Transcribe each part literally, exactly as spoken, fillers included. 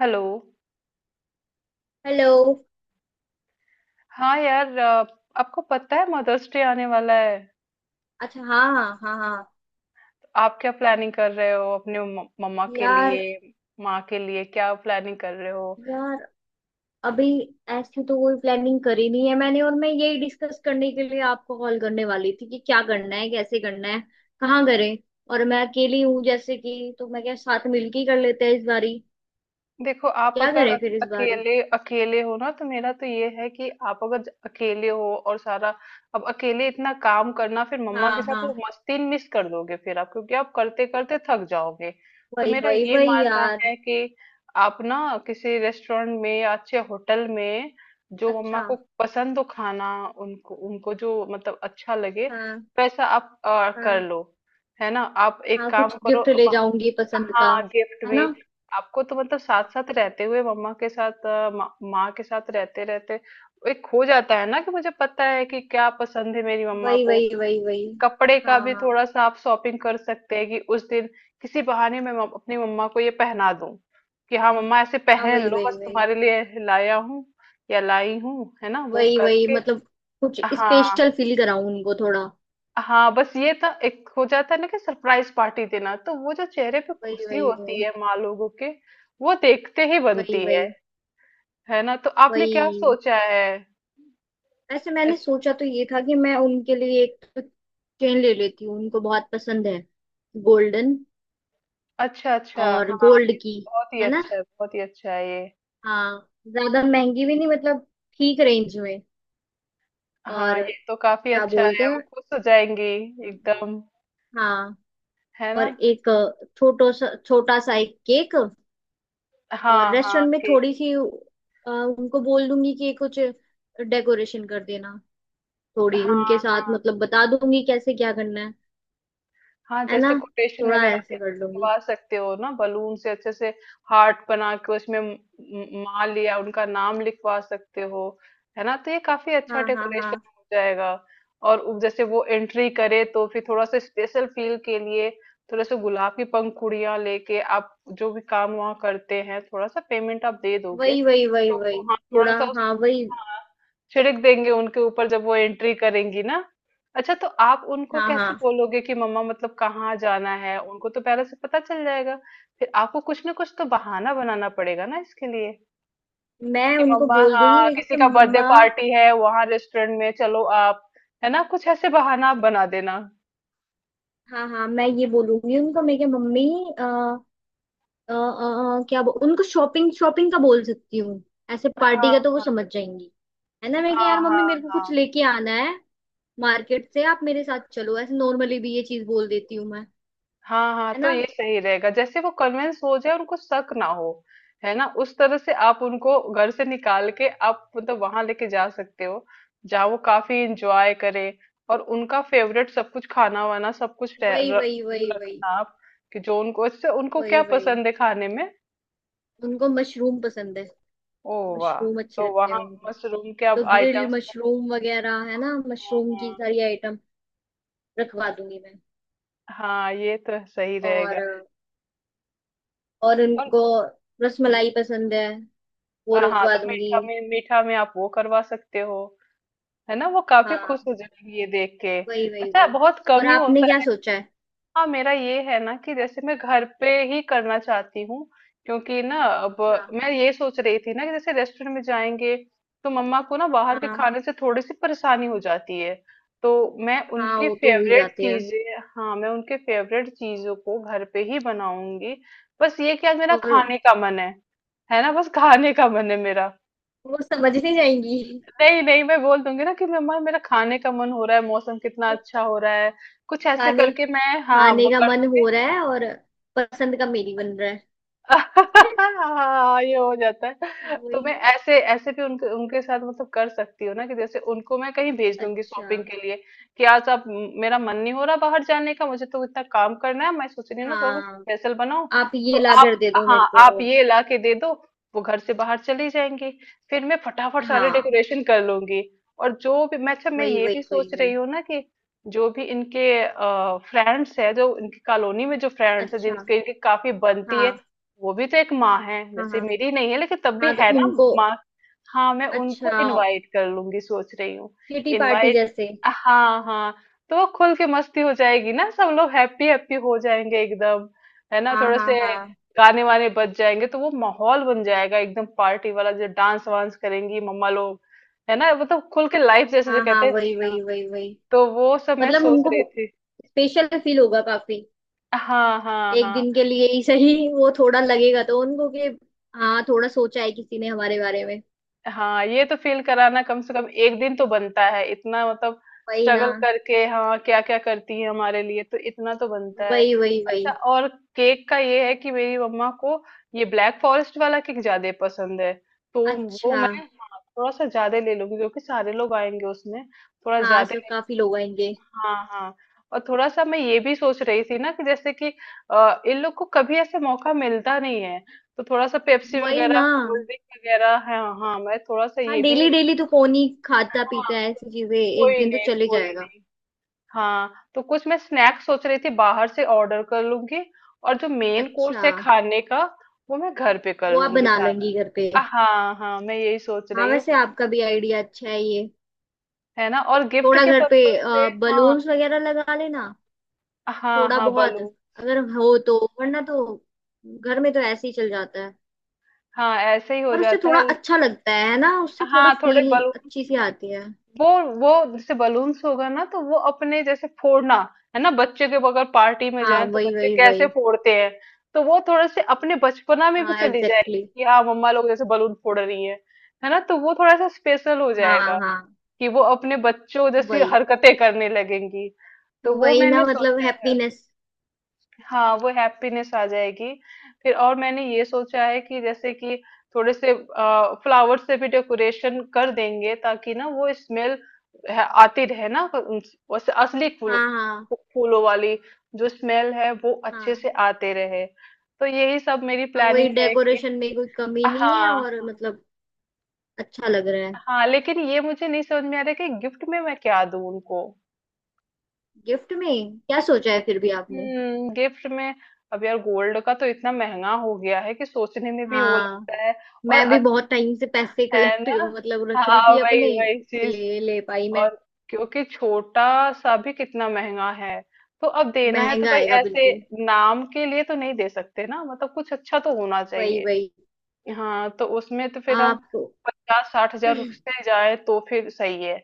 Hello. Hello. हाँ यार, अ, आपको पता है मदर्स डे आने वाला है। अच्छा, हाँ हाँ हाँ हाँ। तो आप क्या प्लानिंग कर रहे हो अपने म- मम्मा के यार। लिए? माँ के लिए क्या प्लानिंग कर रहे हो? यार, अभी ऐसी तो कोई प्लानिंग करी नहीं है मैंने, और मैं यही डिस्कस करने के लिए आपको कॉल करने वाली थी कि क्या करना है, कैसे करना है, कहाँ करें। और मैं अकेली हूँ जैसे कि, तो मैं क्या, साथ मिलके ही कर लेते हैं इस बारी। देखो, आप क्या अगर करें फिर अक- इस बारी। अकेले अकेले हो ना, तो मेरा तो ये है कि आप अगर ज- अकेले हो और सारा, अब अकेले इतना काम करना फिर मम्मा हाँ के साथ वो हाँ, मस्ती मिस कर दोगे फिर आप, क्योंकि आप करते करते थक जाओगे। तो वही मेरा वही ये वही मानना यार। है कि आप ना किसी रेस्टोरेंट में या अच्छे होटल में, जो मम्मा अच्छा। को पसंद हो खाना, उनको उनको जो मतलब अच्छा लगे हाँ वैसा आप अ, कर हाँ। लो। है ना? आप एक हाँ काम कुछ करो। गिफ्ट ले जाऊंगी पसंद का। हाँ, गिफ्ट है भी। ना। आपको तो मतलब साथ साथ रहते हुए मम्मा के साथ, अ, मा- माँ के साथ रहते रहते, एक खो जाता है ना कि मुझे पता है कि क्या पसंद है मेरी मम्मा वही को। वही वही वही। कपड़े का हाँ भी हाँ थोड़ा सा आप शॉपिंग कर सकते हैं कि उस दिन किसी बहाने मैं मम- अपनी मम्मा को ये पहना दूं कि हाँ हाँ, मम्मा ऐसे हाँ, पहन वही लो, वही बस वही। तुम्हारे लिए लाया हूँ या लाई हूँ, है ना? वो वही वही करके। मतलब कुछ हाँ, स्पेशल फील कराऊं उनको थोड़ा। हाँ। बस ये था, एक हो जाता है ना कि सरप्राइज पार्टी देना तो वो जो चेहरे पे वही खुशी वही होती है माँ लोगों के, वो देखते ही वही बनती वही है। है ना? तो आपने क्या वही। सोचा है? वैसे मैंने अच्छ- सोचा तो ये था कि मैं उनके लिए एक तो चेन ले लेती हूँ, उनको बहुत पसंद है, गोल्डन अच्छा, अच्छा, और हाँ गोल्ड ये की। बहुत ही है ना। अच्छा है, बहुत ही अच्छा है ये। हाँ। ज्यादा महंगी भी नहीं मतलब, ठीक रेंज में। हाँ, और ये तो काफी क्या अच्छा बोलते है, वो हैं। खुश हो जाएंगी। एकदम, हाँ। है ना? और एक छोटो सा छोटा सा एक केक, और हाँ, हाँ रेस्टोरेंट में केक। थोड़ी सी अ, उनको बोल दूंगी कि कुछ डेकोरेशन कर देना। थोड़ी उनके हाँ, साथ हाँ, मतलब बता दूंगी कैसे क्या करना है। हाँ। है ना, जैसे कोटेशन थोड़ा वगैरह भी ऐसे कर लूंगी। करवा सकते हो ना, बलून से अच्छे से हार्ट बना के, उसमें म- म- माँ लिया उनका नाम लिखवा सकते हो। है ना? तो ये काफी अच्छा हाँ हाँ डेकोरेशन हाँ, हो जाएगा। और उ- जैसे वो एंट्री करे तो फिर थोड़ा सा स्पेशल फील के लिए थोड़ा सा गुलाब की पंखुड़ियां लेके, आप जो भी काम वहाँ करते हैं, थोड़ा सा पेमेंट आप दे दोगे वही वही वही तो वो, वही। हाँ, थोड़ा थोड़ा सा उस- हाँ वही। हाँ, छिड़क देंगे उनके ऊपर जब वो एंट्री करेंगी ना। अच्छा, तो आप उनको हाँ कैसे हाँ, बोलोगे कि मम्मा मतलब कहाँ जाना है? उनको तो पहले से पता चल जाएगा। फिर आपको कुछ ना कुछ तो बहाना बनाना पड़ेगा ना इसके लिए, मैं कि उनको मम्मा बोल दूंगी हाँ, मेरे किसी के का बर्थडे मम्मा। पार्टी है वहाँ रेस्टोरेंट में, चलो आप, है ना? कुछ ऐसे बहाना आप बना देना। हाँ हाँ, मैं ये बोलूंगी उनको मेरे के मम्मी। आ, आ, आ, क्या बो, उनको शॉपिंग शॉपिंग का बोल सकती हूँ, ऐसे पार्टी हाँ, का तो वो हाँ। समझ जाएंगी। है ना, मैं कि हाँ, यार मम्मी हाँ, मेरे को कुछ हाँ। लेके आना है मार्केट से, आप मेरे साथ चलो। ऐसे नॉर्मली भी ये चीज बोल देती हूँ मैं। हाँ, हाँ, है तो ना। ये सही रहेगा, जैसे वो कन्विंस हो जाए, उनको शक ना हो। है ना? उस तरह से आप उनको घर से निकाल के, आप मतलब वहां लेके जा सकते हो जहाँ वो काफी इंजॉय करे। और उनका फेवरेट सब कुछ, खाना वाना सब कुछ रह- वही र- वही वही वही। रखना आप, कि जो उनको इससे उनको वही क्या वही, पसंद है खाने में। उनको मशरूम पसंद है, ओ, मशरूम वाह! अच्छे तो लगते हैं वहाँ उनको। मशरूम के अब तो ग्रिल आइटम्स। मशरूम वगैरह, है ना, हाँ, मशरूम की हाँ। सारी आइटम रखवा दूंगी मैं। हाँ, ये तो सही रहेगा। और और और उनको हम्म, रसमलाई पसंद है, वो हाँ रखवा तो दूंगी। मीठा में मीठा में आप वो करवा सकते हो। है ना? वो काफी खुश हाँ, हो जाएंगी ये देख के। वही वही अच्छा, वही। बहुत और कम ही आपने होता क्या है। सोचा है। हाँ, मेरा ये है ना कि जैसे मैं घर पे ही करना चाहती हूँ, क्योंकि ना, अब अच्छा। मैं ये सोच रही थी ना कि जैसे रेस्टोरेंट में जाएंगे तो मम्मा को ना बाहर के हाँ, खाने से थोड़ी सी परेशानी हो जाती है। तो मैं हाँ उनके वो तो हो ही फेवरेट जाते हैं। चीजें, हाँ, मैं उनके फेवरेट चीजों को घर पे ही बनाऊंगी। बस ये कि आज मेरा और खाने का मन है। है ना? बस खाने का मन है मेरा। वो समझ नहीं जाएंगी। नहीं, नहीं, मैं बोल दूंगी ना कि मम्मा मेरा खाने का मन हो रहा है, मौसम कितना अच्छा हो रहा है, कुछ ऐसे खाने करके मैं। हाँ, खाने वो का कर मन दूंगी। हो रहा है और पसंद का मेरी बन रहा है। हाँ, ये हो जाता है, तो वही मैं ना। ऐसे ऐसे भी उनके उनके साथ मतलब कर सकती हूँ ना कि जैसे उनको मैं कहीं भेज दूंगी अच्छा। शॉपिंग के लिए। कि आज आप, मेरा मन नहीं हो रहा बाहर जाने का, मुझे तो इतना काम करना है, मैं सोच रही हूँ ना, थोड़ा हाँ स्पेशल बनाओ आप तो ये ला कर आप। दे दो मेरे हाँ, आप को। ये ला के दे दो। वो घर से बाहर चली जाएंगी, फिर मैं फटाफट सारे हाँ डेकोरेशन कर लूंगी। और जो भी मैं, अच्छा, मैं वही ये भी वही वही सोच रही वही। हूँ ना कि जो भी इनके फ्रेंड्स है, जो इनकी कॉलोनी में जो फ्रेंड्स है अच्छा। जिनके इनकी काफी बनती है, हाँ वो भी तो एक माँ है, हाँ जैसे हाँ मेरी नहीं है लेकिन तब भी हाँ, तो है ना। उनको। माँ, हाँ, मैं उनको अच्छा, इनवाइट कर लूंगी, सोच रही हूँ। किटी पार्टी इनवाइट, जैसे। हाँ, हाँ। तो वो खुल के मस्ती हो जाएगी ना, सब लोग हैप्पी हैप्पी हो जाएंगे एकदम। है ना? हाँ थोड़े हाँ से हाँ गाने वाने बज जाएंगे तो वो माहौल बन जाएगा एकदम पार्टी वाला, जो डांस वांस करेंगी मम्मा लोग। है ना? मतलब खुल के लाइफ, जैसे जो हाँ। हाँ, कहते हैं, वही जीना। वही वही वही, तो वो सब मैं मतलब सोच उनको रही थी। स्पेशल फील होगा काफी। हाँ, हाँ, एक हाँ। दिन के लिए ही सही वो थोड़ा लगेगा तो उनको कि हाँ, थोड़ा सोचा है किसी ने हमारे बारे में। हाँ, ये तो फ़ील कराना कम से कम एक दिन तो बनता है। इतना मतलब वही ना। स्ट्रगल करके हाँ, क्या-क्या करती है हमारे लिए, तो इतना तो बनता है। वही वही वही। अच्छा, और केक का ये है कि मेरी मम्मा को ये ब्लैक फ़ॉरेस्ट वाला केक ज़्यादा पसंद है। तो वो अच्छा। मैं, हाँ, थोड़ा-सा ज़्यादा ले लूँगी क्योंकि सारे लोग आएँगे उसमें, थोड़ा हाँ ज़्यादा। सो काफी लोग आएंगे। हाँ, हाँ। और थोड़ा सा मैं ये भी सोच रही थी ना कि जैसे कि अ, इन लोग को कभी ऐसे मौका मिलता नहीं है, तो थोड़ा सा पेप्सी वही वगैरह ना। कोल्ड ड्रिंक वगैरह है, हाँ, मैं थोड़ा सा हाँ, ये भी। डेली डेली तो कौन ही खाता हाँ, पीता है ऐसी चीजें, एक कोई दिन तो नहीं, चले कोई जाएगा। नहीं। हाँ, तो कुछ मैं स्नैक्स सोच रही थी बाहर से ऑर्डर कर लूंगी, और जो मेन अच्छा। कोर्स है खाने का वो मैं घर पे कर वो आप लूंगी बना लेंगी सारा। घर पे। हाँ, हाँ, मैं यही सोच हाँ, रही हूँ। वैसे आपका भी आइडिया अच्छा है ये। है ना? और गिफ्ट थोड़ा के घर पे पर्पज से, हाँ। बलून्स वगैरह लगा लेना, हाँ, थोड़ा हाँ बहुत बलून। अगर हो, तो वरना तो घर में तो ऐसे ही चल जाता है। हाँ ऐसे ही हो पर उससे जाता थोड़ा है। अच्छा लगता है ना, उससे थोड़ा हाँ थोड़े फील बलून, अच्छी सी आती है। वो वो जैसे बलून्स होगा ना तो वो अपने जैसे फोड़ना। है ना? बच्चे के अगर पार्टी में हाँ, जाए तो वही बच्चे वही कैसे वही। फोड़ते हैं, तो वो थोड़े से अपने बचपना में भी हाँ चली जाएगी, एग्जैक्टली। कि हाँ मम्मा लोग जैसे बलून फोड़ रही है। है ना? तो वो थोड़ा सा स्पेशल हो Exactly. हाँ जाएगा, हाँ। कि वो अपने बच्चों जैसी वही हरकतें करने लगेंगी। तो तो। वो वही मैंने ना, मतलब सोचा है। हैप्पीनेस। हाँ, वो हैप्पीनेस आ जाएगी। फिर, और मैंने ये सोचा है कि जैसे कि थोड़े से अ, फ्लावर से भी डेकोरेशन कर देंगे ताकि ना वो स्मेल आती रहे ना उन- वैसे असली फूलों, हाँ हाँ फूलों वाली जो स्मेल है वो अच्छे से हाँ आते रहे। तो यही सब मेरी हाँ, प्लानिंग वही है कि। डेकोरेशन में कोई कमी हाँ, नहीं है, और हाँ, मतलब अच्छा लग रहा है। हाँ। लेकिन ये मुझे नहीं समझ में आ रहा कि गिफ्ट में मैं क्या दूं उनको। गिफ्ट में क्या सोचा है फिर भी आपने। हम्म, गिफ्ट में अब यार, गोल्ड का तो इतना महंगा हो गया है कि सोचने में भी वो हाँ, लगता है। और मैं भी अच्छा, बहुत टाइम से पैसे है कलेक्ट, ना? मतलब रख रही हाँ थी वही अपने, वही चीज। इसीलिए ले पाई मैं। और क्योंकि छोटा सा भी कितना महंगा है, तो अब देना है तो महंगा भाई, आएगा ऐसे बिल्कुल। नाम के लिए तो नहीं दे सकते ना मतलब, कुछ अच्छा तो होना वही चाहिए। वही। हाँ तो उसमें तो फिर हम आप। पचास साठ हजार से जाए तो फिर सही है।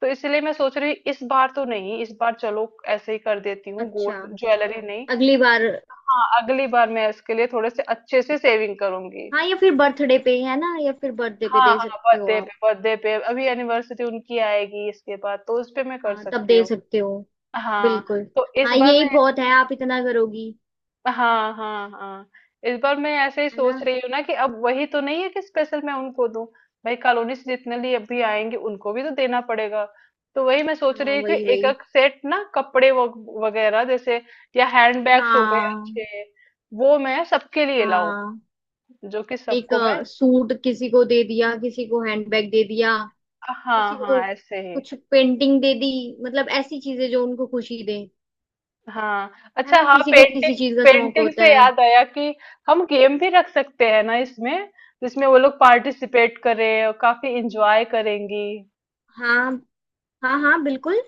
तो इसलिए मैं सोच रही, इस बार तो नहीं, इस बार चलो ऐसे ही कर देती हूँ, अच्छा, गोल्ड ज्वेलरी नहीं। अगली बार। हाँ, अगली बार मैं इसके लिए थोड़े से अच्छे से सेविंग करूंगी। हाँ, या फिर बर्थडे पे, है ना, या फिर बर्थडे पे हाँ, दे हाँ, सकते हो बर्थडे पे आप। बर्थडे पे, अभी एनिवर्सरी उनकी आएगी इसके बाद तो उस पे मैं कर हाँ, तब सकती दे हूँ। सकते हो, हाँ बिल्कुल। तो इस हाँ बार मैं। यही बहुत है, आप इतना करोगी। हाँ, हाँ, हाँ। इस बार मैं ऐसे ही है सोच ना। रही हूँ ना कि अब वही तो नहीं है कि स्पेशल मैं उनको दूं। भाई कॉलोनी से जितने लिए अभी आएंगे उनको भी तो देना पड़ेगा। तो वही मैं सोच हाँ, रही हूँ कि वही एक वही। एक सेट ना, कपड़े वग- वगैरह जैसे, या हैंड बैग्स हो गए हाँ अच्छे, वो मैं सबके लिए लाऊं, हाँ, जो कि एक सबको मैं। सूट किसी को दे दिया, किसी को हैंडबैग दे दिया, हाँ, किसी को हाँ, ऐसे ही। कुछ पेंटिंग दे दी, मतलब ऐसी चीजें जो उनको खुशी दे। हाँ, है अच्छा, ना, हाँ किसी को किसी पेंटिंग। चीज का शौक पेंटिंग होता से है। याद आया कि हम गेम भी रख सकते हैं ना इसमें, जिसमें वो लोग पार्टिसिपेट करें और काफी इंजॉय करेंगी। हाँ हाँ हाँ, बिल्कुल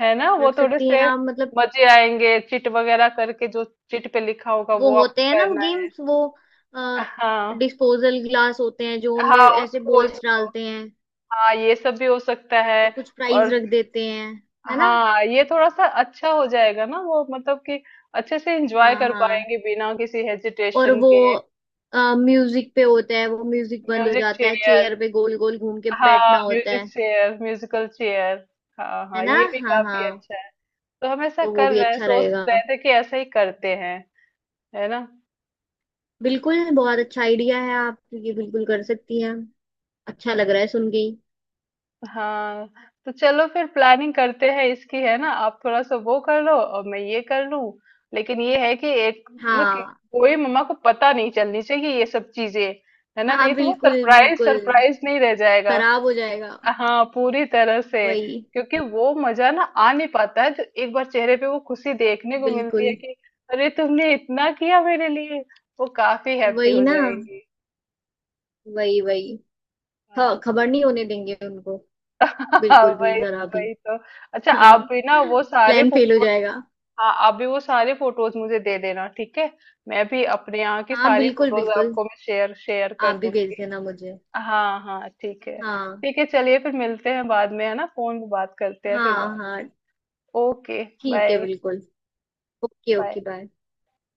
है ना? वो रख थोड़े सकती हैं से आप मतलब। मजे आएंगे, चिट वगैरह करके। जो चिट पे लिखा होगा वो वो होते हैं आपको ना, करना है। गेम्स वो, हाँ, डिस्पोजल ग्लास होते हैं जो हाँ, उनमें ऐसे उसको बॉल्स उसको डालते हैं, हाँ, ये सब भी हो सकता है। और कुछ और प्राइज रख देते हैं। है ना। हाँ ये थोड़ा सा अच्छा हो जाएगा ना, वो मतलब कि अच्छे से एंजॉय हाँ कर हाँ। पाएंगे बिना किसी और हेजिटेशन वो के। म्यूजिक पे होता है, वो म्यूजिक बंद हो म्यूजिक जाता है, चेयर, चेयर पे गोल गोल घूम के हाँ, बैठना होता म्यूजिक है। Chair, musical chair. हाँ, है हाँ, ना। ये भी हाँ काफ़ी हाँ। अच्छा है। तो हम ऐसा तो वो कर भी रहे हैं, अच्छा सोच रहेगा। रहे थे कि ऐसा ही करते हैं, है ना? बिल्कुल, बहुत अच्छा आइडिया है, आप ये बिल्कुल कर सकती हैं। अच्छा लग रहा है सुन के ही। हाँ, तो चलो फिर प्लानिंग करते हैं इसकी, है ना? आप थोड़ा-सा वो कर लो और मैं ये कर लूँ। लेकिन ये है कि एक ना, कि हाँ, कोई, मम्मा को पता नहीं चलनी चाहिए ये सब चीज़ें, है ना? हाँ नहीं तो वो बिल्कुल सरप्राइज़ बिल्कुल, सरप्राइज़ नहीं रह जाएगा। खराब हो जाएगा। हाँ पूरी तरह से। वही। क्योंकि वो मजा ना आ नहीं पाता है, जो एक बार चेहरे पे वो खुशी देखने को मिलती है बिल्कुल। कि अरे तुमने इतना किया मेरे लिए, वो काफी हैप्पी वही हो ना, जाएंगी। वही वही। हाँ। ख- खबर नहीं होने देंगे उनको, बिल्कुल भी वही तो, खराब ही। वही तो! अच्छा, हाँ। आप भी ना वो सारे प्लान फेल हो फोटोज, जाएगा। हाँ, आप भी वो सारे फोटोज मुझे दे देना, ठीक है? मैं भी अपने यहाँ की हाँ सारी बिल्कुल फोटोज बिल्कुल, आपको मैं शेयर शेयर आप कर भी भेज दूंगी। देना मुझे। हाँ, हाँ, ठीक है, हाँ ठीक है, चलिए फिर मिलते हैं बाद में, है ना? फोन पे बात करते हैं, फिर हाँ बात। हाँ ओके, ठीक है बाय। बिल्कुल। Okay, bye. Okay bye.